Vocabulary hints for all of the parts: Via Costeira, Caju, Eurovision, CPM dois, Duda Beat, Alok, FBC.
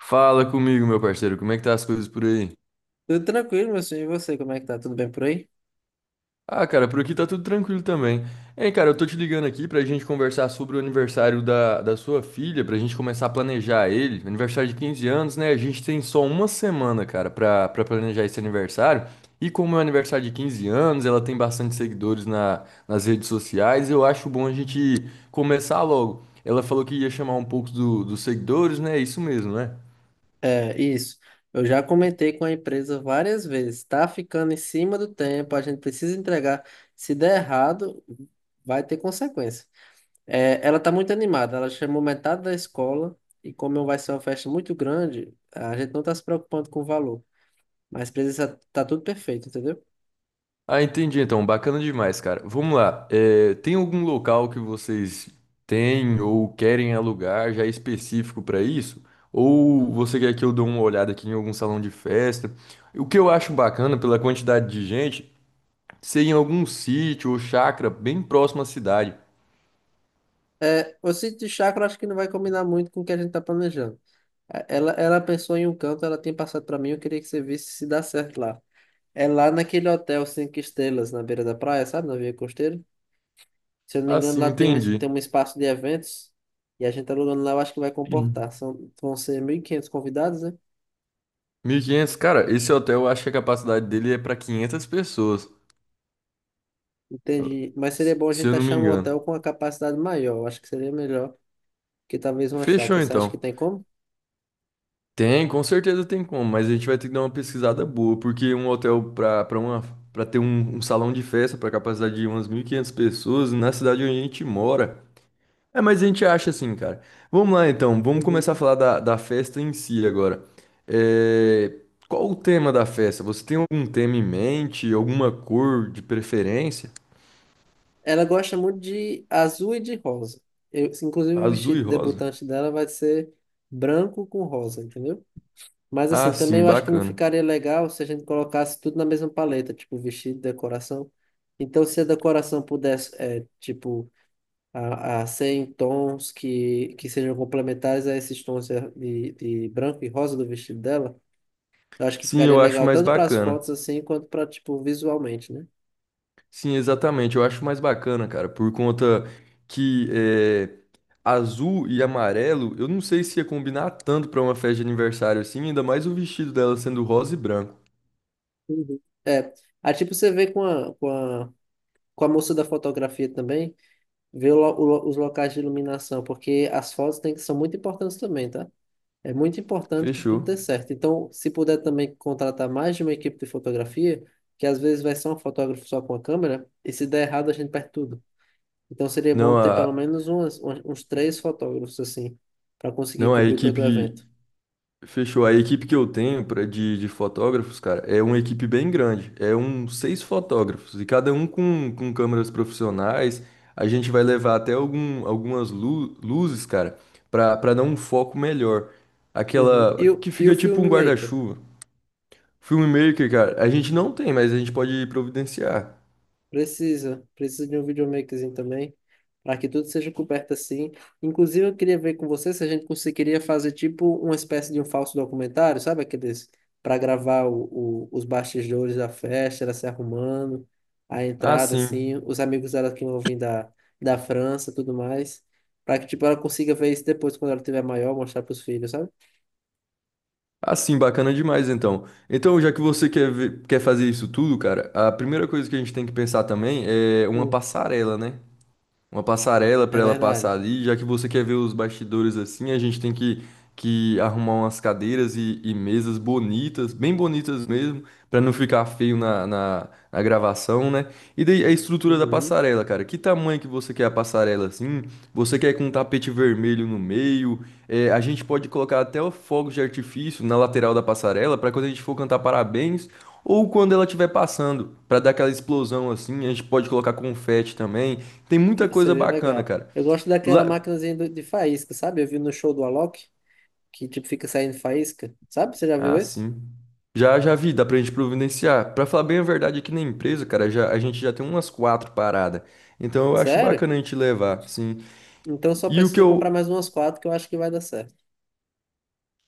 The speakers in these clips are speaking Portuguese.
Fala comigo, meu parceiro, como é que tá as coisas por aí? Tudo tranquilo, meu senhor. E você, como é que tá? Tudo bem por aí? Ah, cara, por aqui tá tudo tranquilo também. Hein, cara, eu tô te ligando aqui pra gente conversar sobre o aniversário da sua filha, pra gente começar a planejar ele. Aniversário de 15 anos, né? A gente tem só uma semana, cara, pra planejar esse aniversário. E como é um aniversário de 15 anos, ela tem bastante seguidores nas redes sociais, eu acho bom a gente começar logo. Ela falou que ia chamar um pouco dos seguidores, né? Isso mesmo, né? É, isso. Eu já comentei com a empresa várias vezes. Tá ficando em cima do tempo, a gente precisa entregar. Se der errado, vai ter consequência. É, ela tá muito animada. Ela chamou metade da escola e como vai ser uma festa muito grande, a gente não tá se preocupando com o valor. Mas precisa tá tudo perfeito, entendeu? Ah, entendi então. Bacana demais, cara. Vamos lá. Tem algum local que vocês têm ou querem alugar já específico para isso? Ou você quer que eu dê uma olhada aqui em algum salão de festa? O que eu acho bacana pela quantidade de gente, ser em algum sítio ou chácara bem próximo à cidade. É, o sítio de chácara eu acho que não vai combinar muito com o que a gente tá planejando. É, Ela pensou em um canto, ela tem passado para mim, eu queria que você visse se dá certo lá. É lá naquele hotel cinco estrelas na beira da praia, sabe? Na Via Costeira. Se eu não me engano, Assim, lá tem entendi. um espaço de eventos e a gente alugando lá, eu acho que vai comportar. Uhum. Vão ser 1.500 convidados, né? Mil e quinhentos, cara, esse hotel eu acho que a capacidade dele é para 500 pessoas, eu- Entendi. Mas seria bom a se gente eu não me achar um engano. hotel com uma capacidade maior. Eu acho que seria melhor que talvez uma chácara. Fechou Você acha que então. tem como? Tem, com certeza tem como, mas a gente vai ter que dar uma pesquisada boa, porque um hotel para uma para ter um salão de festa para capacidade de umas 1.500 pessoas na cidade onde a gente mora. É, mas a gente acha assim, cara. Vamos lá então, vamos começar a Uhum. falar da festa em si agora. É, qual o tema da festa? Você tem algum tema em mente, alguma cor de preferência? Ela gosta muito de azul e de rosa. Inclusive, o Azul e vestido rosa. debutante dela vai ser branco com rosa, entendeu? Mas Ah, assim, também sim, eu acho que não bacana. ficaria legal se a gente colocasse tudo na mesma paleta, tipo vestido, decoração. Então, se a decoração pudesse, tipo, a ser em tons que sejam complementares a esses tons de branco e rosa do vestido dela, eu acho que Sim, ficaria eu acho legal mais tanto para as bacana. fotos assim, quanto para, tipo, visualmente, né? Sim, exatamente. Eu acho mais bacana, cara, por conta que é, azul e amarelo, eu não sei se ia combinar tanto pra uma festa de aniversário assim, ainda mais o vestido dela sendo rosa e branco. Uhum. É, aí tipo você vê com a moça da fotografia também, vê os locais de iluminação, porque as fotos tem, são muito importantes também, tá? É muito importante que tudo dê Fechou. certo. Então, se puder também contratar mais de uma equipe de fotografia, que às vezes vai ser um fotógrafo só com a câmera, e se der errado, a gente perde tudo. Então, seria bom Não, ter pelo a, menos umas, uns uns três fotógrafos, assim, para conseguir não, a cobrir todo o equipe. evento. Fechou. A equipe que eu tenho pra, de fotógrafos, cara, é uma equipe bem grande. É uns 6 fotógrafos, e cada um com câmeras profissionais. A gente vai levar até algum, algumas luzes, cara, pra dar um foco melhor. Uhum. E o, Aquela que e o fica tipo um filmmaker? guarda-chuva. Filmmaker, cara, a gente não tem, mas a gente pode providenciar. Precisa de um videomakerzinho também, para que tudo seja coberto assim. Inclusive, eu queria ver com você se a gente conseguiria fazer tipo uma espécie de um falso documentário, sabe? Aqueles para gravar os bastidores da festa, ela se arrumando, a Ah, entrada, sim. assim, os amigos dela que vão vir da França, tudo mais, para que tipo ela consiga ver isso depois quando ela tiver maior, mostrar para os filhos, sabe? Ah, sim, bacana demais, então. Então, já que você quer fazer isso tudo, cara, a primeira coisa que a gente tem que pensar também é uma Hum, passarela, né? Uma passarela É para ela passar verdade. ali, já que você quer ver os bastidores assim, a gente tem que arrumar umas cadeiras e mesas bonitas, bem bonitas mesmo, para não ficar feio na gravação, né? E daí a estrutura da Uhum, passarela, cara, que tamanho que você quer a passarela assim? Você quer com um tapete vermelho no meio? É, a gente pode colocar até o fogo de artifício na lateral da passarela para quando a gente for cantar parabéns ou quando ela estiver passando, para dar aquela explosão assim. A gente pode colocar confete também. Tem muita coisa seria bacana, legal. cara. Eu gosto daquela Lá... maquinazinha de faísca, sabe? Eu vi no show do Alok, que tipo fica saindo faísca. Sabe? Você já viu Ah, esse? sim. Já vi, dá pra gente providenciar. Pra falar bem a verdade, aqui na empresa, cara, já, a gente já tem umas quatro paradas. Então eu acho Sério? bacana a gente levar, sim. Então só E o que precisa comprar eu. mais umas quatro que eu acho que vai dar certo.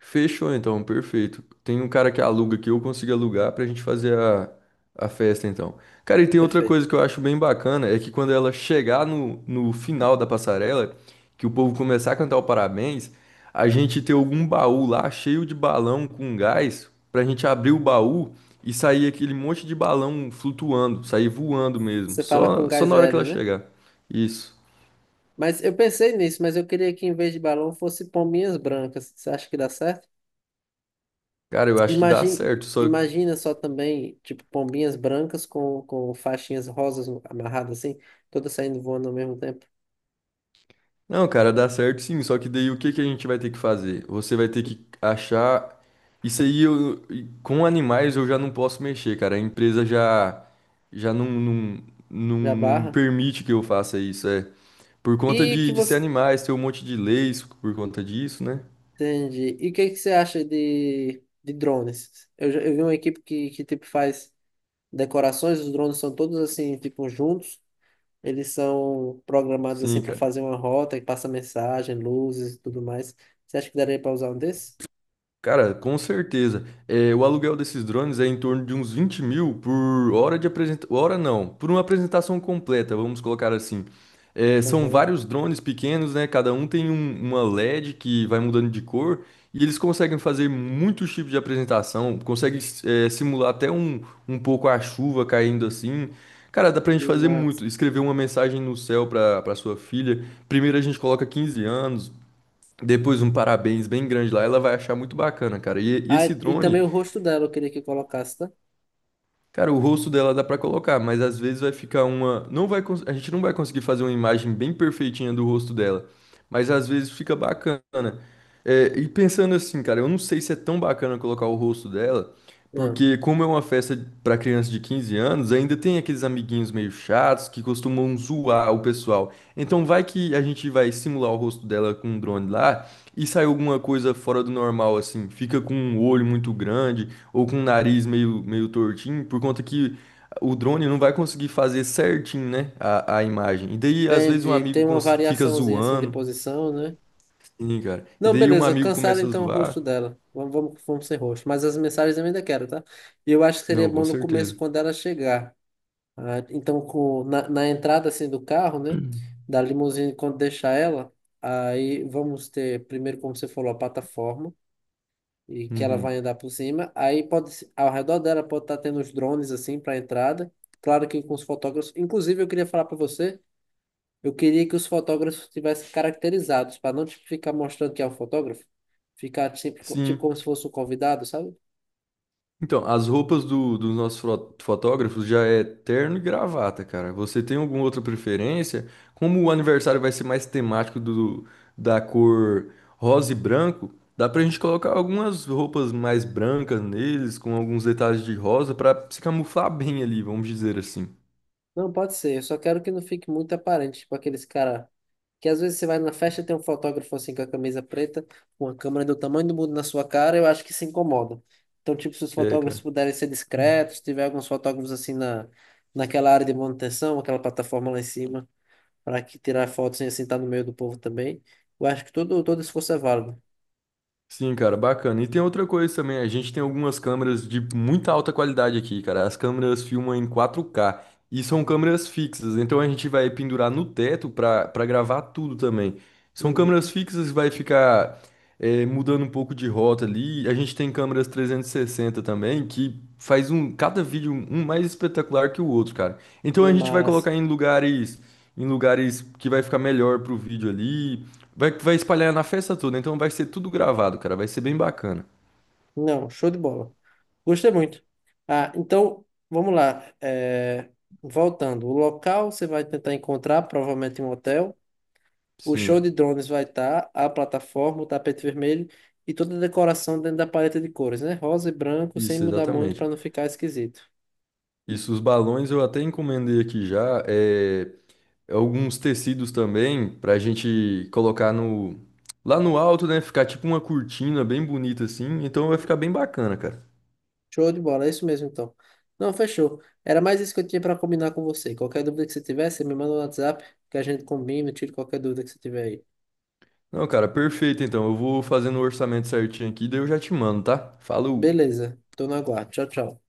Fechou então, perfeito. Tem um cara que aluga que eu consigo alugar pra gente fazer a festa então. Cara, e tem outra Perfeito. coisa que eu acho bem bacana, é que quando ela chegar no final da passarela, que o povo começar a cantar o parabéns, a gente ter algum baú lá cheio de balão com gás, pra gente abrir o baú e sair aquele monte de balão flutuando, sair voando mesmo, Você fala com só gás na hora que ela hélio, né? chegar. Isso. Mas eu pensei nisso, mas eu queria que em vez de balão fosse pombinhas brancas. Você acha que dá certo? Cara, eu acho que dá Imagina, certo, só. imagina só também, tipo, pombinhas brancas com faixinhas rosas amarradas assim, todas saindo voando ao mesmo tempo. Não, cara, dá certo sim, só que daí o que que a gente vai ter que fazer? Você vai ter que achar. Isso aí eu, e com animais eu já não posso mexer, cara. A empresa já já Já não barra. permite que eu faça isso, é. Por conta E que de ser você. animais, ter um monte de leis por conta disso, né? Entendi. E o que que você acha de drones? Eu vi uma equipe que tipo faz decorações, os drones são todos assim, tipo, juntos. Eles são programados assim Sim, para cara. fazer uma rota que passa mensagem, luzes e tudo mais. Você acha que daria para usar um desses? Cara, com certeza. É, o aluguel desses drones é em torno de uns 20 mil por hora de apresentação. Hora não, por uma apresentação completa, vamos colocar assim. É, são Uhum. vários drones pequenos, né? Cada um tem uma LED que vai mudando de cor e eles conseguem fazer muitos tipos de apresentação, conseguem, é, simular até um, um pouco a chuva caindo assim. Cara, dá pra gente E, fazer mas... muito. Escrever uma mensagem no céu pra, pra sua filha. Primeiro a gente coloca 15 anos, depois um parabéns bem grande lá, ela vai achar muito bacana, cara. E Ah, esse e também drone, o rosto dela eu queria que colocasse, tá? cara, o rosto dela dá pra colocar, mas às vezes vai ficar uma, não vai, a gente não vai conseguir fazer uma imagem bem perfeitinha do rosto dela, mas às vezes fica bacana. É, e pensando assim, cara, eu não sei se é tão bacana colocar o rosto dela, Ah, porque como é uma festa pra criança de 15 anos, ainda tem aqueles amiguinhos meio chatos que costumam zoar o pessoal. Então vai que a gente vai simular o rosto dela com um drone lá. E sai alguma coisa fora do normal, assim? Fica com um olho muito grande ou com um nariz meio tortinho, por conta que o drone não vai conseguir fazer certinho, né? A imagem. E daí, às vezes, um entendi. amigo Tem uma fica variaçãozinha assim de zoando. posição, né? Sim, cara. E Não, daí, um beleza. amigo Cancela começa a então o rosto zoar. dela. Vamos, vamos, vamos sem rosto. Mas as mensagens eu ainda quero, tá? E eu acho que seria Não, com bom no começo, certeza. quando ela chegar. Ah, então, na entrada assim do carro, né? Da limusine, quando deixar ela, aí vamos ter, primeiro, como você falou, a plataforma, e que ela vai Uhum. andar por cima. Aí pode, ao redor dela pode estar tendo os drones assim para entrada. Claro que com os fotógrafos. Inclusive, eu queria falar para você, eu queria que os fotógrafos tivessem caracterizados, para não tipo, ficar mostrando que é um fotógrafo, ficar tipo, tipo como Sim. se fosse um convidado, sabe? Então, as roupas dos nossos fotógrafos já é terno e gravata, cara. Você tem alguma outra preferência? Como o aniversário vai ser mais temático do, da cor rosa e branco, dá pra gente colocar algumas roupas mais brancas neles, com alguns detalhes de rosa, pra se camuflar bem ali, vamos dizer assim. Não, pode ser. Eu só quero que não fique muito aparente, tipo aqueles cara que às vezes você vai na festa e tem um fotógrafo assim com a camisa preta, com a câmera do tamanho do mundo na sua cara, eu acho que se incomoda. Então, tipo, se os É, fotógrafos cara. puderem ser discretos, se tiver alguns fotógrafos assim naquela área de manutenção, aquela plataforma lá em cima, para que tirar fotos sem assim estar no meio do povo também, eu acho que todo esforço é válido. Sim, cara, bacana. E tem outra coisa também, a gente tem algumas câmeras de muita alta qualidade aqui, cara. As câmeras filmam em 4K e são câmeras fixas, então a gente vai pendurar no teto para gravar tudo também. São câmeras Uhum. fixas, vai ficar é, mudando um pouco de rota ali, a gente tem câmeras 360 também, que faz um cada vídeo um mais espetacular que o outro, cara. Então E a gente vai massa. colocar em lugares que vai ficar melhor pro vídeo ali, vai espalhar na festa toda, então vai ser tudo gravado, cara, vai ser bem bacana. Não, show de bola. Gostei muito. Ah, então, vamos lá. Voltando, o local você vai tentar encontrar, provavelmente em um hotel. O show de Sim, drones vai estar, a plataforma, o tapete vermelho e toda a decoração dentro da paleta de cores, né? Rosa e branco, sem isso mudar muito exatamente. para não ficar esquisito. Isso, os balões eu até encomendei aqui já, É, alguns tecidos também pra gente colocar no lá no alto, né? Ficar tipo uma cortina bem bonita assim. Então vai ficar bem bacana, cara. Show de bola, é isso mesmo então. Não, fechou. Era mais isso que eu tinha para combinar com você. Qualquer dúvida que você tiver, você me manda no WhatsApp, que a gente combina, tira qualquer dúvida que você tiver aí. Não, cara, perfeito. Então eu vou fazendo o orçamento certinho aqui, daí eu já te mando, tá? Falou. Beleza, tô no aguardo. Tchau, tchau.